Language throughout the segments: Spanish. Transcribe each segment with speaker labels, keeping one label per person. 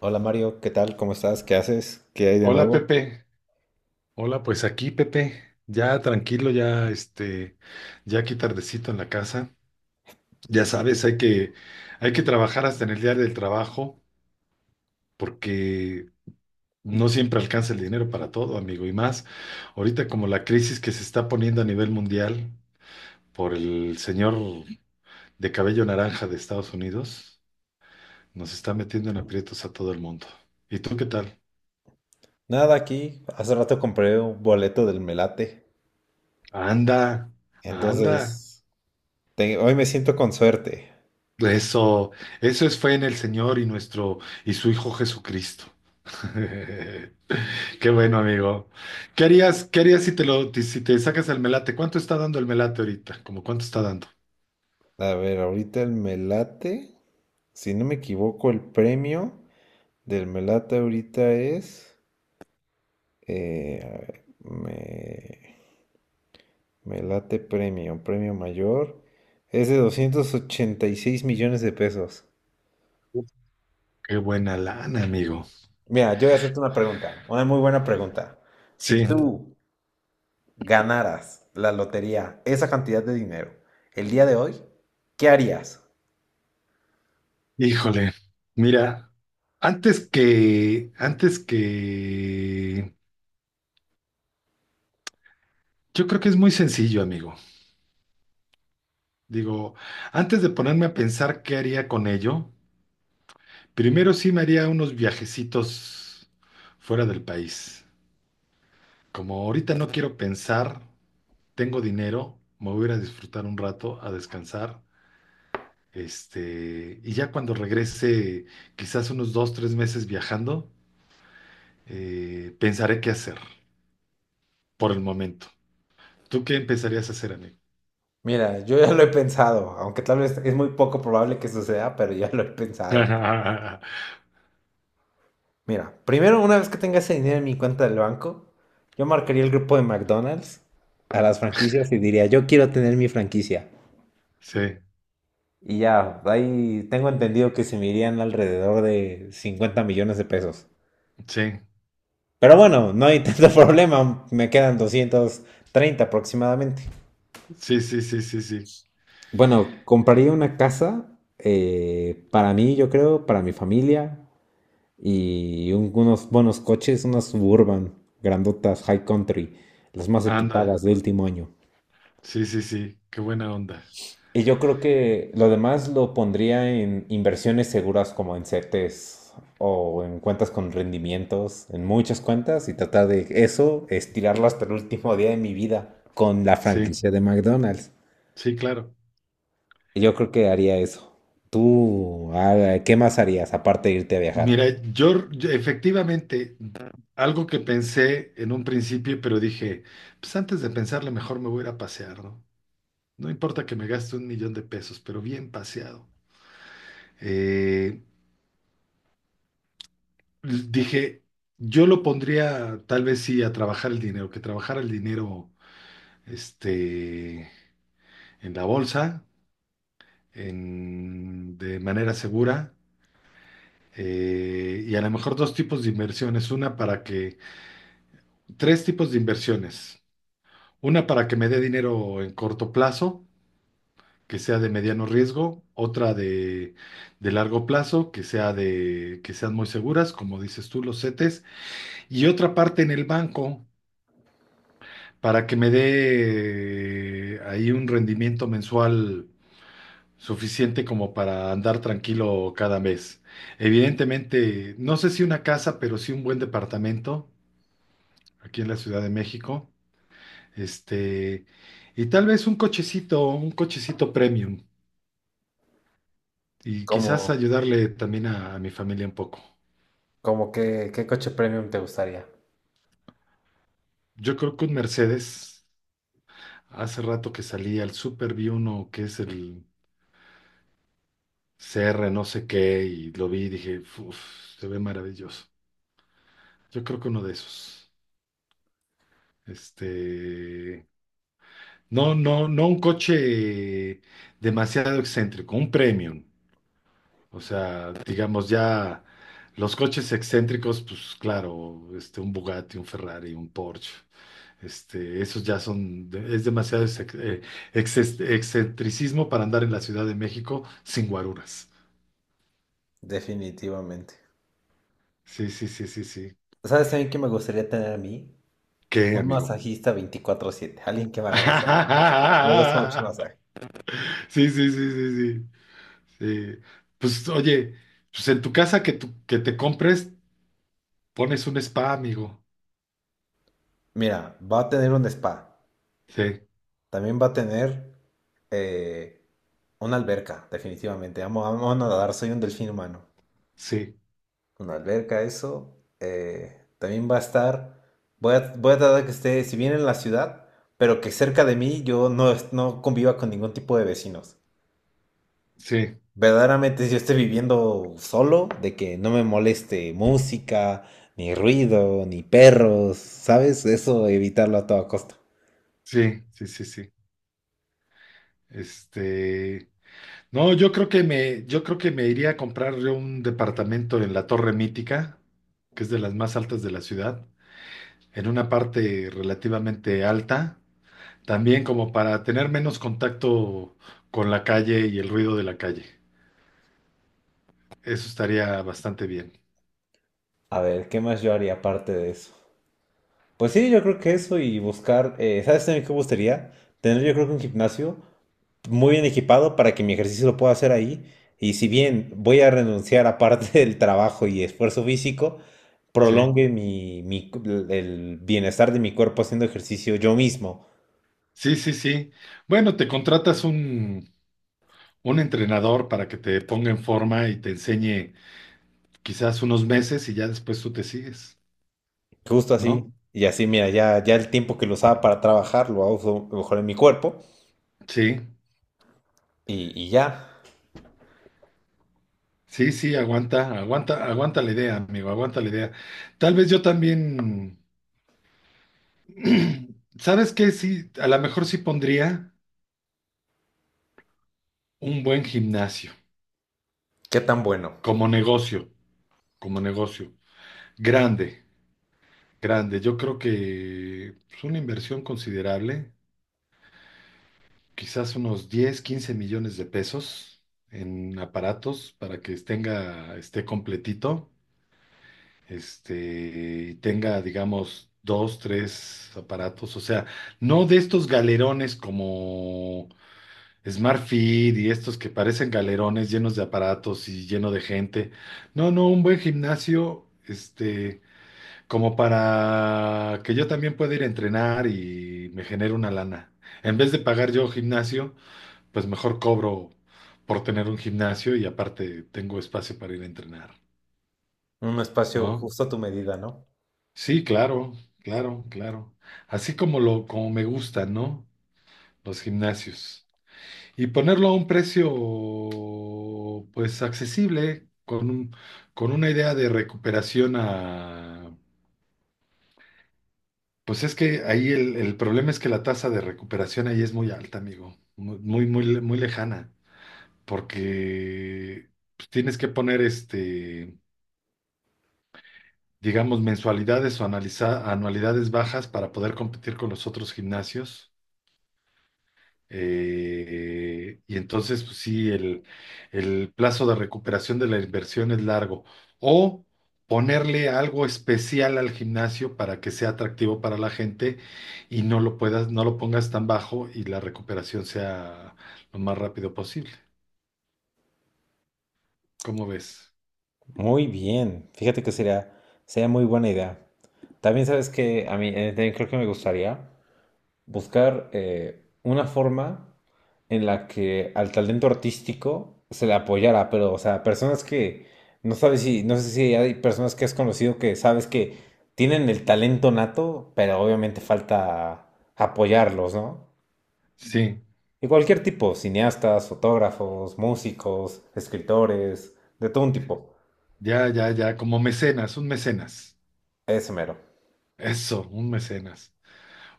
Speaker 1: Hola Mario, ¿qué tal? ¿Cómo estás? ¿Qué haces? ¿Qué hay de
Speaker 2: Hola
Speaker 1: nuevo?
Speaker 2: Pepe, hola pues aquí Pepe, ya tranquilo, ya aquí tardecito en la casa, ya sabes, hay que trabajar hasta en el día del trabajo, porque no siempre alcanza el dinero para todo, amigo, y más ahorita como la crisis que se está poniendo a nivel mundial por el señor de cabello naranja de Estados Unidos, nos está metiendo en aprietos a todo el mundo. ¿Y tú qué tal?
Speaker 1: Nada aquí. Hace rato compré un boleto del Melate.
Speaker 2: Anda, anda.
Speaker 1: Entonces, hoy me siento con suerte.
Speaker 2: Eso, eso es fe en el Señor y nuestro y su Hijo Jesucristo. Qué bueno, amigo. Qué harías si te lo, si te sacas el melate? ¿Cuánto está dando el melate ahorita? ¿Cómo cuánto está dando?
Speaker 1: A ver, ahorita el Melate, si no me equivoco, el premio del Melate ahorita es... a ver, me, Melate premio, premio mayor. Es de 286 millones de pesos.
Speaker 2: Uf, qué buena lana, amigo.
Speaker 1: Mira, yo voy a hacerte una pregunta, una muy buena pregunta. Si
Speaker 2: Sí,
Speaker 1: tú ganaras la lotería, esa cantidad de dinero, el día de hoy, ¿qué harías?
Speaker 2: híjole. Mira, antes que, antes que, yo creo que es muy sencillo, amigo. Digo, antes de ponerme a pensar qué haría con ello, primero sí me haría unos viajecitos fuera del país. Como ahorita no quiero pensar, tengo dinero, me voy a ir a disfrutar un rato, a descansar, este, y ya cuando regrese, quizás unos dos, tres meses viajando, pensaré qué hacer por el momento. ¿Tú qué empezarías a hacer, amigo?
Speaker 1: Mira, yo ya lo he pensado, aunque tal vez es muy poco probable que suceda, pero ya lo he pensado. Mira, primero, una vez que tenga ese dinero en mi cuenta del banco, yo marcaría el grupo de McDonald's a las franquicias y diría, yo quiero tener mi franquicia.
Speaker 2: Sí,
Speaker 1: Y ya, ahí tengo entendido que se me irían alrededor de 50 millones de pesos.
Speaker 2: sí,
Speaker 1: Pero bueno, no hay tanto problema, me quedan 230 aproximadamente.
Speaker 2: sí, sí, sí, sí, sí.
Speaker 1: Bueno, compraría una casa para mí, yo creo, para mi familia y unos buenos coches, unas Suburban grandotas, High Country, las más
Speaker 2: Anda,
Speaker 1: equipadas de último año.
Speaker 2: sí, sí, sí, qué buena onda.
Speaker 1: Y yo creo que lo demás lo pondría en inversiones seguras como en CETES o en cuentas con rendimientos, en muchas cuentas y tratar de eso, estirarlo hasta el último día de mi vida con la
Speaker 2: Sí,
Speaker 1: franquicia de McDonald's.
Speaker 2: sí, claro.
Speaker 1: Yo creo que haría eso. ¿Tú qué más harías aparte de irte a viajar?
Speaker 2: Mira, yo efectivamente algo que pensé en un principio, pero dije, pues antes de pensarle mejor me voy a ir a pasear, ¿no? No importa que me gaste 1 millón de pesos, pero bien paseado. Eh, dije, yo lo pondría tal vez sí a trabajar el dinero, que trabajara el dinero este, en la bolsa, de manera segura. Y a lo mejor dos tipos de inversiones, una para que, tres tipos de inversiones. Una para que me dé dinero en corto plazo, que sea de mediano riesgo, otra de largo plazo, que sea de, que sean muy seguras, como dices tú, los CETES, y otra parte en el banco para que me dé ahí un rendimiento mensual suficiente como para andar tranquilo cada mes. Evidentemente, no sé si una casa, pero sí un buen departamento aquí en la Ciudad de México. Este, y tal vez un cochecito premium. Y
Speaker 1: Como,
Speaker 2: quizás ayudarle también a mi familia un poco.
Speaker 1: como que, ¿qué coche premium te gustaría?
Speaker 2: Yo creo que un Mercedes, hace rato que salí al súper, vi uno que es el CR no sé qué y lo vi y dije, uff, se ve maravilloso. Yo creo que uno de esos. Este, no, no, no un coche demasiado excéntrico, un premium. O sea, digamos ya los coches excéntricos, pues claro, este, un Bugatti, un Ferrari, un Porsche. Este, esos ya son, es demasiado excentricismo para andar en la Ciudad de México sin guaruras.
Speaker 1: Definitivamente.
Speaker 2: Sí, sí, sí, sí, sí.
Speaker 1: ¿Sabes también que me gustaría tener a mí?
Speaker 2: ¿Qué,
Speaker 1: Un
Speaker 2: amigo?
Speaker 1: masajista 24/7, alguien que me haga masaje. Me gusta mucho el masaje.
Speaker 2: Sí, sí, sí, sí, sí. Sí. Pues oye, pues en tu casa que, que te compres, pones un spa, amigo.
Speaker 1: Mira, va a tener un spa,
Speaker 2: Sí,
Speaker 1: también va a tener eh, una alberca, definitivamente. Amo nadar, soy un delfín humano.
Speaker 2: sí,
Speaker 1: Una alberca, eso. También va a estar. Voy a tratar que esté, si bien en la ciudad, pero que cerca de mí yo no, no conviva con ningún tipo de vecinos.
Speaker 2: sí,
Speaker 1: Verdaderamente, si yo esté viviendo solo, de que no me moleste música, ni ruido, ni perros, ¿sabes? Eso evitarlo a toda costa.
Speaker 2: sí, sí, sí, sí. Este. No, yo creo que me, yo creo que me iría a comprar yo un departamento en la Torre Mítica, que es de las más altas de la ciudad, en una parte relativamente alta, también como para tener menos contacto con la calle y el ruido de la calle. Eso estaría bastante bien.
Speaker 1: A ver, ¿qué más yo haría aparte de eso? Pues sí, yo creo que eso y buscar. ¿Sabes también qué me gustaría? Tener yo creo que un gimnasio muy bien equipado para que mi ejercicio lo pueda hacer ahí. Y si bien voy a renunciar a parte del trabajo y esfuerzo físico,
Speaker 2: Sí,
Speaker 1: prolongue el bienestar de mi cuerpo haciendo ejercicio yo mismo,
Speaker 2: sí, sí, sí. Bueno, te contratas un entrenador para que te ponga en forma y te enseñe quizás unos meses y ya después tú te sigues,
Speaker 1: justo así.
Speaker 2: ¿no?
Speaker 1: Y así, mira, ya el tiempo que lo usaba para trabajar lo uso mejor en mi cuerpo
Speaker 2: Sí.
Speaker 1: y ya.
Speaker 2: Sí, sí, aguanta, aguanta, aguanta la idea, amigo, aguanta la idea. Tal vez yo también, ¿sabes qué? Sí, a lo mejor sí pondría un buen gimnasio,
Speaker 1: Qué tan bueno.
Speaker 2: como negocio, como negocio. Grande, grande. Yo creo que es una inversión considerable, quizás unos 10, 15 millones de pesos en aparatos para que tenga, esté completito. Este, y tenga, digamos, dos, tres aparatos, o sea, no de estos galerones como Smart Fit y estos que parecen galerones llenos de aparatos y lleno de gente. No, no, un buen gimnasio, este, como para que yo también pueda ir a entrenar y me genere una lana. En vez de pagar yo gimnasio, pues mejor cobro por tener un gimnasio y aparte tengo espacio para ir a entrenar,
Speaker 1: Un espacio
Speaker 2: ¿no?
Speaker 1: justo a tu medida, ¿no?
Speaker 2: Sí, claro, claro, claro. Así como lo, como me gustan, ¿no? Los gimnasios. Y ponerlo a un precio, pues, accesible, con un, con una idea de recuperación a... Pues es que ahí el problema es que la tasa de recuperación ahí es muy alta, amigo. Muy, muy, muy, muy lejana. Porque pues, tienes que poner este, digamos, mensualidades o anualidades bajas para poder competir con los otros gimnasios. Y entonces, pues sí, el plazo de recuperación de la inversión es largo. O ponerle algo especial al gimnasio para que sea atractivo para la gente y no lo puedas, no lo pongas tan bajo y la recuperación sea lo más rápido posible. ¿Cómo ves?
Speaker 1: Muy bien. Sería muy buena idea. También sabes que a mí también creo que me gustaría. Buscar una forma en la que al talento artístico se le apoyara, pero, o sea, personas que no sabes si, no sé si hay personas que has conocido que sabes que tienen el talento nato, pero obviamente falta apoyarlos, ¿no?
Speaker 2: Sí,
Speaker 1: Y cualquier tipo, cineastas, fotógrafos, músicos, escritores, de todo un tipo.
Speaker 2: ya, ya, ya, como mecenas, un mecenas.
Speaker 1: Ese mero.
Speaker 2: Eso, un mecenas.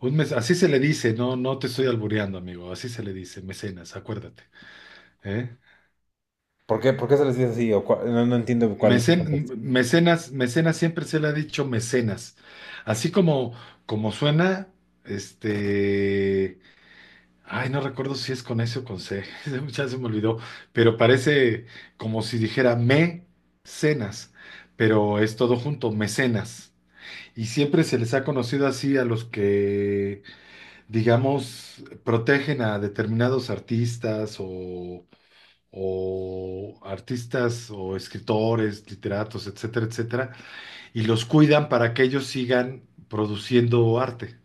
Speaker 2: Un mes, así se le dice, no, no te estoy albureando, amigo, así se le dice, mecenas, acuérdate. ¿Eh?
Speaker 1: ¿Por qué se les dice así? O no, no entiendo cuál es el contexto.
Speaker 2: Mecenas, mecenas siempre se le ha dicho mecenas. Así como, como suena, este. Ay, no recuerdo si es con S o con C, ya se me olvidó, pero parece como si dijera me cenas, pero es todo junto, mecenas. Y siempre se les ha conocido así a los que, digamos, protegen a determinados artistas o artistas o escritores, literatos, etcétera, etcétera y los cuidan para que ellos sigan produciendo arte.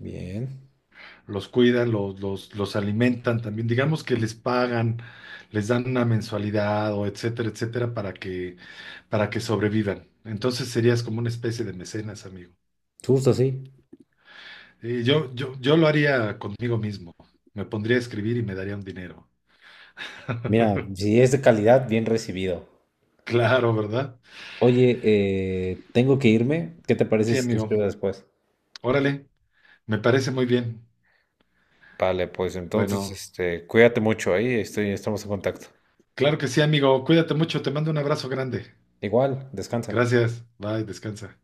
Speaker 1: Bien.
Speaker 2: Los cuidan, los alimentan también. Digamos que les pagan, les dan una mensualidad o etcétera, etcétera, para que sobrevivan. Entonces serías como una especie de mecenas, amigo.
Speaker 1: Justo así.
Speaker 2: Y yo lo haría conmigo mismo. Me pondría a escribir y me daría un dinero.
Speaker 1: Mira, si es de calidad, bien recibido.
Speaker 2: Claro, ¿verdad?
Speaker 1: Oye, tengo que irme. ¿Qué te parece
Speaker 2: Sí,
Speaker 1: si te
Speaker 2: amigo.
Speaker 1: escribo después?
Speaker 2: Órale, me parece muy bien.
Speaker 1: Vale, pues entonces,
Speaker 2: Bueno,
Speaker 1: cuídate mucho ahí, estamos en contacto.
Speaker 2: claro que sí, amigo. Cuídate mucho. Te mando un abrazo grande.
Speaker 1: Igual, descansa.
Speaker 2: Gracias. Bye, descansa.